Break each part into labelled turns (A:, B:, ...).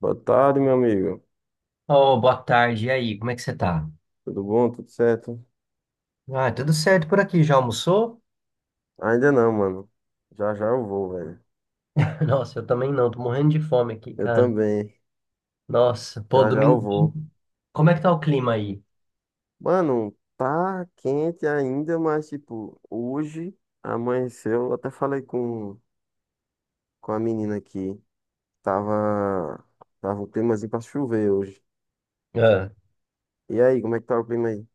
A: Boa tarde, meu amigo.
B: Oh, boa tarde. E aí, como é que você tá?
A: Tudo bom? Tudo certo?
B: Ah, tudo certo por aqui. Já almoçou?
A: Ainda não, mano. Já já eu vou, velho.
B: Nossa, eu também não. Tô morrendo de fome aqui,
A: Eu
B: cara.
A: também.
B: Nossa, pô,
A: Já já eu
B: domingo.
A: vou.
B: Como é que tá o clima aí?
A: Mano, tá quente ainda, mas tipo, hoje amanheceu. Eu até falei com a menina aqui. Tava, tava um climazinho pra chover hoje.
B: Ah.
A: E aí, como é que tá o clima aí?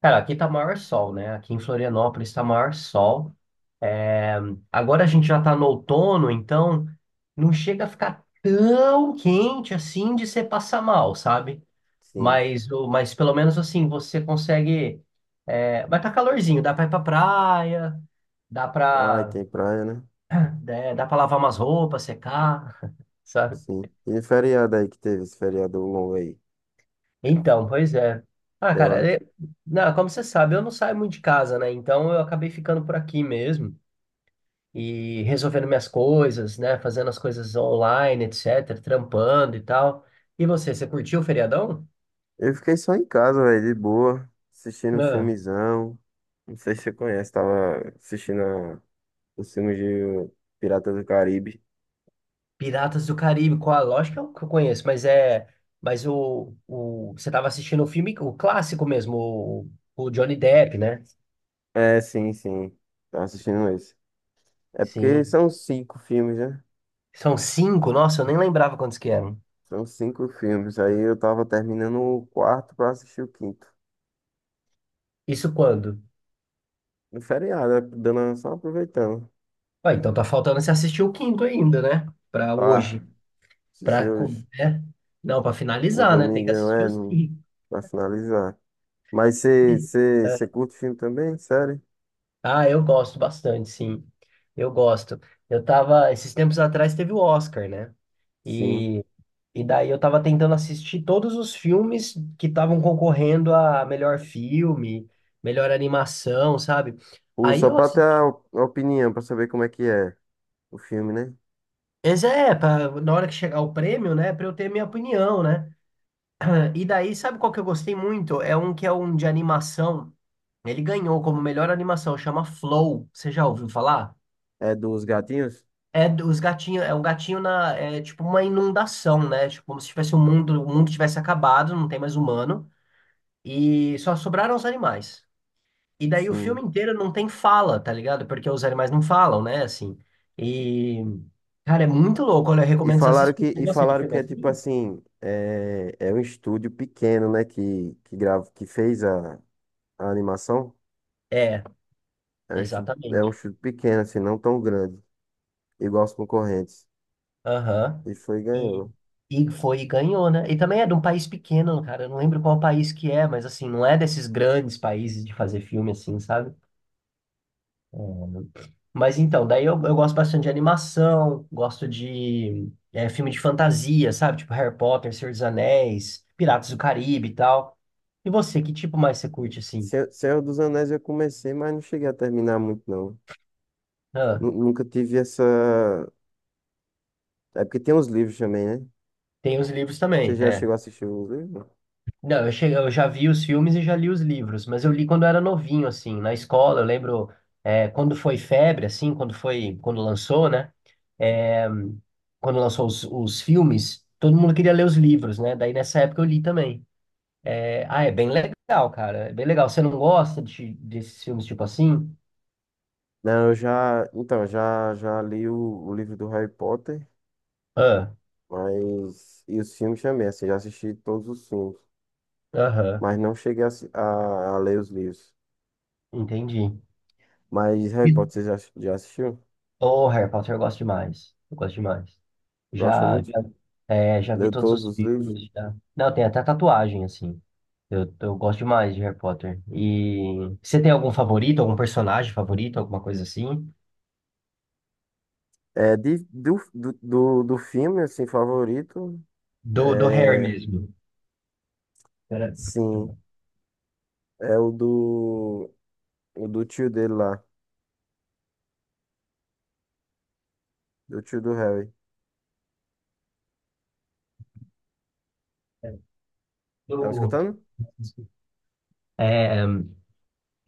B: Cara, aqui tá maior sol, né? Aqui em Florianópolis tá maior sol. É, agora a gente já tá no outono, então não chega a ficar tão quente assim de você passar mal, sabe?
A: Sim.
B: Mas, mas pelo menos assim, você consegue. É, vai tá calorzinho, dá pra ir pra praia, dá
A: Ai,
B: pra.
A: tem praia, né?
B: Né? Dá pra lavar umas roupas, secar, sabe?
A: Sim. E feriado aí que teve, esse feriado longo aí?
B: Então, pois é. Ah,
A: Deu
B: cara,
A: uma
B: não, como você sabe, eu não saio muito de casa, né? Então eu acabei ficando por aqui mesmo e resolvendo minhas coisas, né? Fazendo as coisas online, etc., trampando e tal. E você curtiu o feriadão?
A: Eu fiquei só em casa, velho, de boa, assistindo um
B: Ah,
A: filmezão. Não sei se você conhece, tava assistindo os filmes de Pirata do Caribe.
B: Piratas do Caribe, qual? Lógico que eu conheço, mas é. Mas o. Você tava assistindo o filme, o clássico mesmo, o Johnny Depp, né?
A: É, sim, sim. Tava assistindo esse. É porque
B: Sim.
A: são cinco filmes, né?
B: São cinco, nossa, eu nem lembrava quantos que eram.
A: São cinco filmes. Aí eu tava terminando o quarto pra assistir o quinto.
B: Isso quando?
A: No feriado, né? Só aproveitando.
B: Ah, então tá faltando você assistir o quinto ainda, né? Pra
A: Tá,
B: hoje.
A: assisti hoje.
B: Né? Não, pra
A: No
B: finalizar, né? Tem que
A: domingão,
B: assistir
A: é,
B: os
A: no,
B: cinco.
A: pra finalizar. Mas você
B: É.
A: curte filme também? Sério?
B: Ah, eu gosto bastante, sim. Eu gosto. Eu tava, esses tempos atrás teve o Oscar, né?
A: Sim.
B: E, daí eu tava tentando assistir todos os filmes que estavam concorrendo a melhor filme, melhor animação, sabe? Aí
A: Só
B: eu
A: pra ter
B: assisti.
A: a opinião, pra saber como é que é o filme, né?
B: Mas é, pra, na hora que chegar o prêmio, né? Pra eu ter minha opinião, né? E daí, sabe qual que eu gostei muito? É um que é um de animação. Ele ganhou como melhor animação, chama Flow. Você já ouviu falar?
A: É dos gatinhos?
B: É dos gatinhos, é um gatinho na, é tipo uma inundação, né? Tipo como se tivesse o mundo tivesse acabado, não tem mais humano e só sobraram os animais. E daí o
A: Sim.
B: filme inteiro não tem fala, tá ligado? Porque os animais não falam, né? Assim. E cara, é muito louco. Olha, eu
A: E
B: recomendo você
A: falaram que,
B: assistir. Você
A: e
B: gosta de
A: falaram
B: filme
A: que é tipo
B: assim?
A: assim, é um estúdio pequeno, né? Que que fez a animação.
B: É,
A: É um estúdio, é um
B: exatamente.
A: estúdio pequeno, assim, não tão grande, igual os concorrentes.
B: Aham.
A: E foi e
B: E,
A: ganhou.
B: foi e ganhou, né? E também é de um país pequeno, cara. Eu não lembro qual país que é, mas assim, não é desses grandes países de fazer filme assim, sabe? É, mas então, daí eu gosto bastante de animação, gosto de é, filme de fantasia, sabe? Tipo Harry Potter, Senhor dos Anéis, Piratas do Caribe e tal. E você, que tipo mais você curte assim?
A: Se- Senhor dos Anéis eu comecei, mas não cheguei a terminar muito, não.
B: Ah,
A: Nu- Nunca tive essa. É porque tem uns livros também, né?
B: tem os livros
A: Você
B: também,
A: já
B: é.
A: chegou a assistir os livros?
B: Não, eu, cheguei, eu já vi os filmes e já li os livros, mas eu li quando era novinho, assim, na escola. Eu lembro é, quando foi febre, assim, quando foi, quando lançou, né? É, quando lançou os filmes, todo mundo queria ler os livros, né? Daí nessa época eu li também. É, ah, é bem legal, cara. É bem legal. Você não gosta desses filmes tipo assim?
A: Não, eu, então, já li o livro do Harry Potter,
B: Ah,
A: mas, e os filmes também, assim, já assisti todos os filmes,
B: aham,
A: mas não cheguei a ler os livros.
B: entendi.
A: Mas Harry
B: E-
A: Potter, você já assistiu?
B: Oh, Harry Potter, eu gosto demais. Eu gosto demais.
A: Gosta
B: Já,
A: muito?
B: já, é, já vi
A: Leu
B: todos
A: todos
B: os
A: os livros?
B: filmes, já. Não, tem até tatuagem, assim. Eu gosto demais de Harry Potter. E você tem algum favorito, algum personagem favorito, alguma coisa assim?
A: É, de, do, do, do, do filme, assim, favorito,
B: Do, do Harry
A: é,
B: mesmo. Pera-
A: sim, é o do tio dele lá, do tio do Harry. Tá me
B: Do,
A: escutando?
B: é,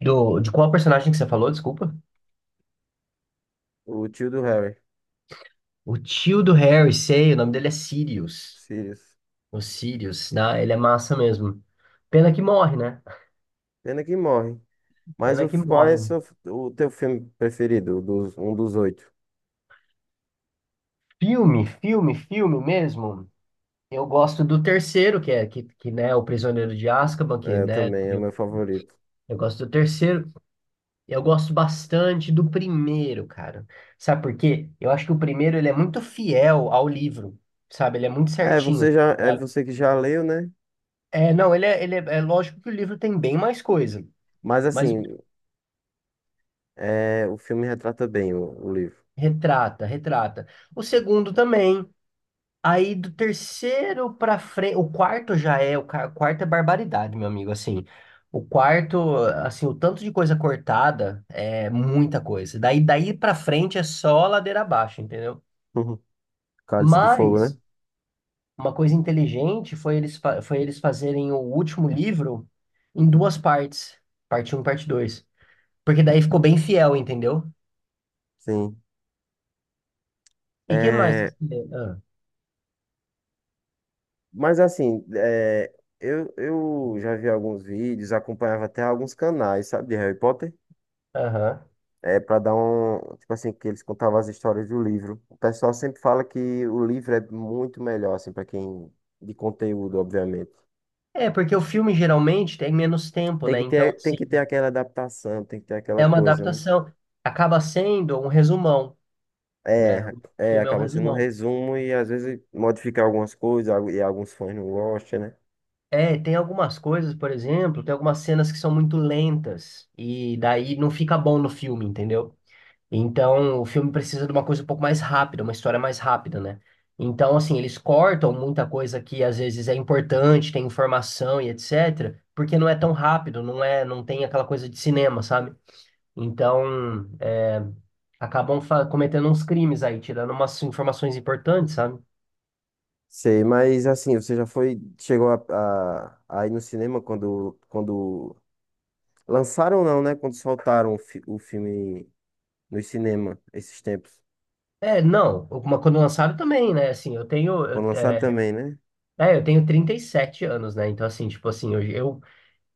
B: de qual personagem que você falou, desculpa?
A: O tio do Harry,
B: O tio do Harry, sei, o nome dele é Sirius.
A: Sirius.
B: O Sirius, né? Ele é massa mesmo. Pena que morre, né?
A: Pena que morre.
B: Pena que
A: Qual é
B: morre.
A: o teu filme preferido? Um dos oito.
B: Filme, filme, filme mesmo. Eu gosto do terceiro, que é que né, o Prisioneiro de Azkaban,
A: É, eu também, é o meu favorito.
B: eu gosto do terceiro. Eu gosto bastante do primeiro, cara. Sabe por quê? Eu acho que o primeiro ele é muito fiel ao livro, sabe? Ele é muito
A: É,
B: certinho.
A: você já, é
B: Sabe?
A: você que já leu, né?
B: Não, ele é, é lógico que o livro tem bem mais coisa,
A: Mas
B: mas
A: assim, é, o filme retrata bem o livro.
B: retrata. O segundo também, aí do terceiro pra frente, o quarto já é, quarto é barbaridade, meu amigo, assim. O quarto, assim, o tanto de coisa cortada é muita coisa. Daí para frente é só ladeira abaixo, entendeu?
A: Uhum. Cálice de Fogo, né?
B: Mas uma coisa inteligente foi foi eles fazerem o último livro em duas partes, parte um, parte 2, porque daí ficou bem fiel, entendeu?
A: Sim.
B: E que mais?
A: É,
B: Vocês fizeram? Ah,
A: mas assim, eu já vi alguns vídeos, acompanhava até alguns canais, sabe, de Harry Potter.
B: aham.
A: É para dar um. Tipo assim, que eles contavam as histórias do livro. O pessoal sempre fala que o livro é muito melhor, assim, para quem. De conteúdo, obviamente.
B: É, porque o filme geralmente tem menos tempo, né? Então,
A: Tem que ter aquela adaptação, tem que ter aquela
B: é uma
A: coisa, né?
B: adaptação. Acaba sendo um resumão, né?
A: É,
B: O filme é um
A: acaba sendo um
B: resumão.
A: resumo e às vezes modificar algumas coisas algu- e alguns fãs não gostam, né?
B: É, tem algumas coisas, por exemplo, tem algumas cenas que são muito lentas e daí não fica bom no filme, entendeu? Então, o filme precisa de uma coisa um pouco mais rápida, uma história mais rápida, né? Então, assim, eles cortam muita coisa que às vezes é importante, tem informação e etc, porque não é tão rápido, não é, não tem aquela coisa de cinema, sabe? Então, é, cometendo uns crimes aí, tirando umas informações importantes, sabe?
A: Sei, mas assim, você já foi, chegou a ir no cinema quando lançaram não, né? Quando soltaram o filme no cinema esses tempos.
B: É, não, uma quando lançaram também, né? Assim, eu tenho,
A: Quando
B: eu,
A: lançaram
B: é,
A: também, né?
B: é, eu tenho 37 anos, né? Então, assim, tipo assim,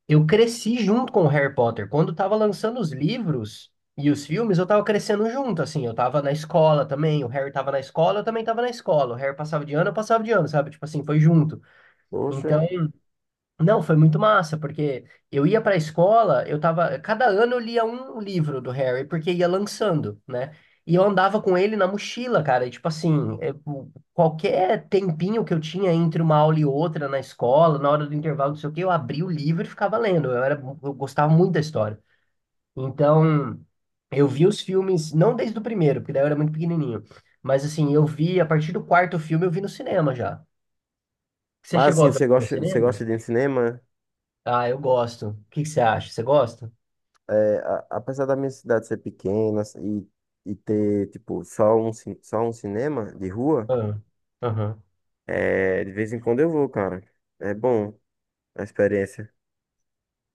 B: eu cresci junto com o Harry Potter. Quando tava lançando os livros e os filmes, eu tava crescendo junto, assim, eu tava na escola também, o Harry tava na escola, eu também tava na escola, o Harry passava de ano, eu passava de ano, sabe? Tipo assim, foi junto.
A: Poxa.
B: Então, não, foi muito massa, porque eu ia para a escola, eu tava, cada ano eu lia um livro do Harry, porque ia lançando, né? E eu andava com ele na mochila, cara, e, tipo assim, é, qualquer tempinho que eu tinha entre uma aula e outra na escola, na hora do intervalo, não sei o quê, eu abria o livro e ficava lendo. Eu era, eu gostava muito da história. Então, eu vi os filmes, não desde o primeiro, porque daí eu era muito pequenininho, mas assim, eu vi a partir do quarto filme, eu vi no cinema já. Você
A: Mas
B: chegou a
A: assim,
B: ver no
A: você
B: cinema?
A: gosta de ir no cinema?
B: Ah, eu gosto. O que que você acha? Você gosta?
A: É, apesar da minha cidade ser pequena e ter, tipo, só um cinema de rua,
B: Ah, aham.
A: é, de vez em quando eu vou, cara. É bom a experiência.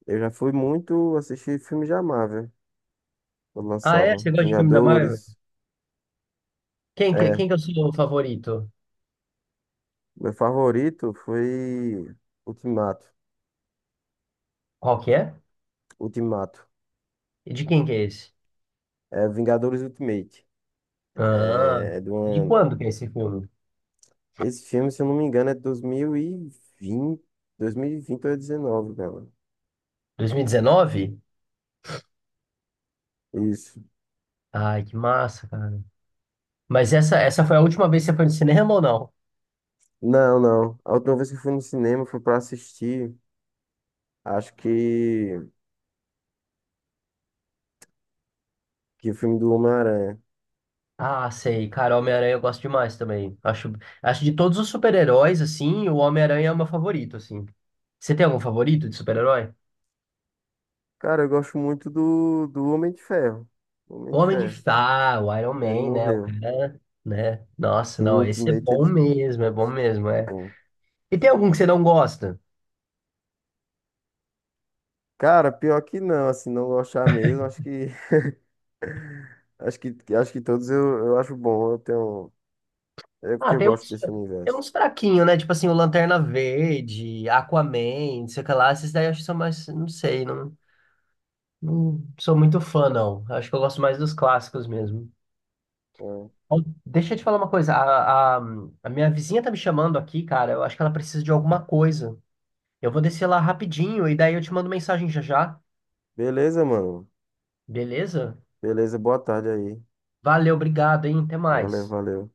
A: Eu já fui muito assistir filmes da Marvel, quando
B: Ah, é?
A: lançava.
B: Você gosta de filme da Marvel?
A: Vingadores. É,
B: Quem que é o seu favorito?
A: meu favorito foi Ultimato.
B: Qual que é?
A: Ultimato.
B: E de quem que é esse?
A: É Vingadores Ultimate.
B: Ah,
A: É, é de
B: e de
A: uma,
B: quando que é esse filme?
A: Esse filme, se eu não me engano, é vinte 2020 ou 19, galera.
B: 2019?
A: Isso.
B: Ai, que massa, cara. Mas essa foi a última vez que você foi no cinema ou não?
A: Não, não. A última vez que eu fui no cinema foi pra assistir, acho que o filme do Homem-Aranha.
B: Ah, sei. Cara, Homem-Aranha eu gosto demais também. Acho, acho de todos os super-heróis, assim, o Homem-Aranha é o meu favorito, assim. Você tem algum favorito de super-herói?
A: Cara, eu gosto muito do Homem de Ferro. Homem de
B: Homem de
A: Ferro.
B: Ferro, o Iron
A: Ele
B: Man, né? O
A: morreu.
B: cara, né? Nossa,
A: Que em
B: não, esse é
A: Ultimate
B: bom
A: ele.
B: mesmo, é bom mesmo,
A: É
B: é.
A: bom.
B: E tem algum que você não gosta?
A: Cara, pior que não, assim, não gostar mesmo, acho que acho que todos eu acho bom, eu tenho é porque
B: Ah,
A: eu gosto desse
B: tem
A: universo.
B: uns fraquinhos, né? Tipo assim, o Lanterna Verde, Aquaman, não sei o que lá. Esses daí eu acho que são mais, não sei, não, não sou muito fã, não. Acho que eu gosto mais dos clássicos mesmo.
A: É.
B: Ó, deixa eu te falar uma coisa, a minha vizinha tá me chamando aqui, cara, eu acho que ela precisa de alguma coisa. Eu vou descer lá rapidinho e daí eu te mando mensagem já já,
A: Beleza, mano.
B: beleza?
A: Beleza, boa tarde aí.
B: Valeu, obrigado, hein? Até
A: Valeu,
B: mais.
A: valeu.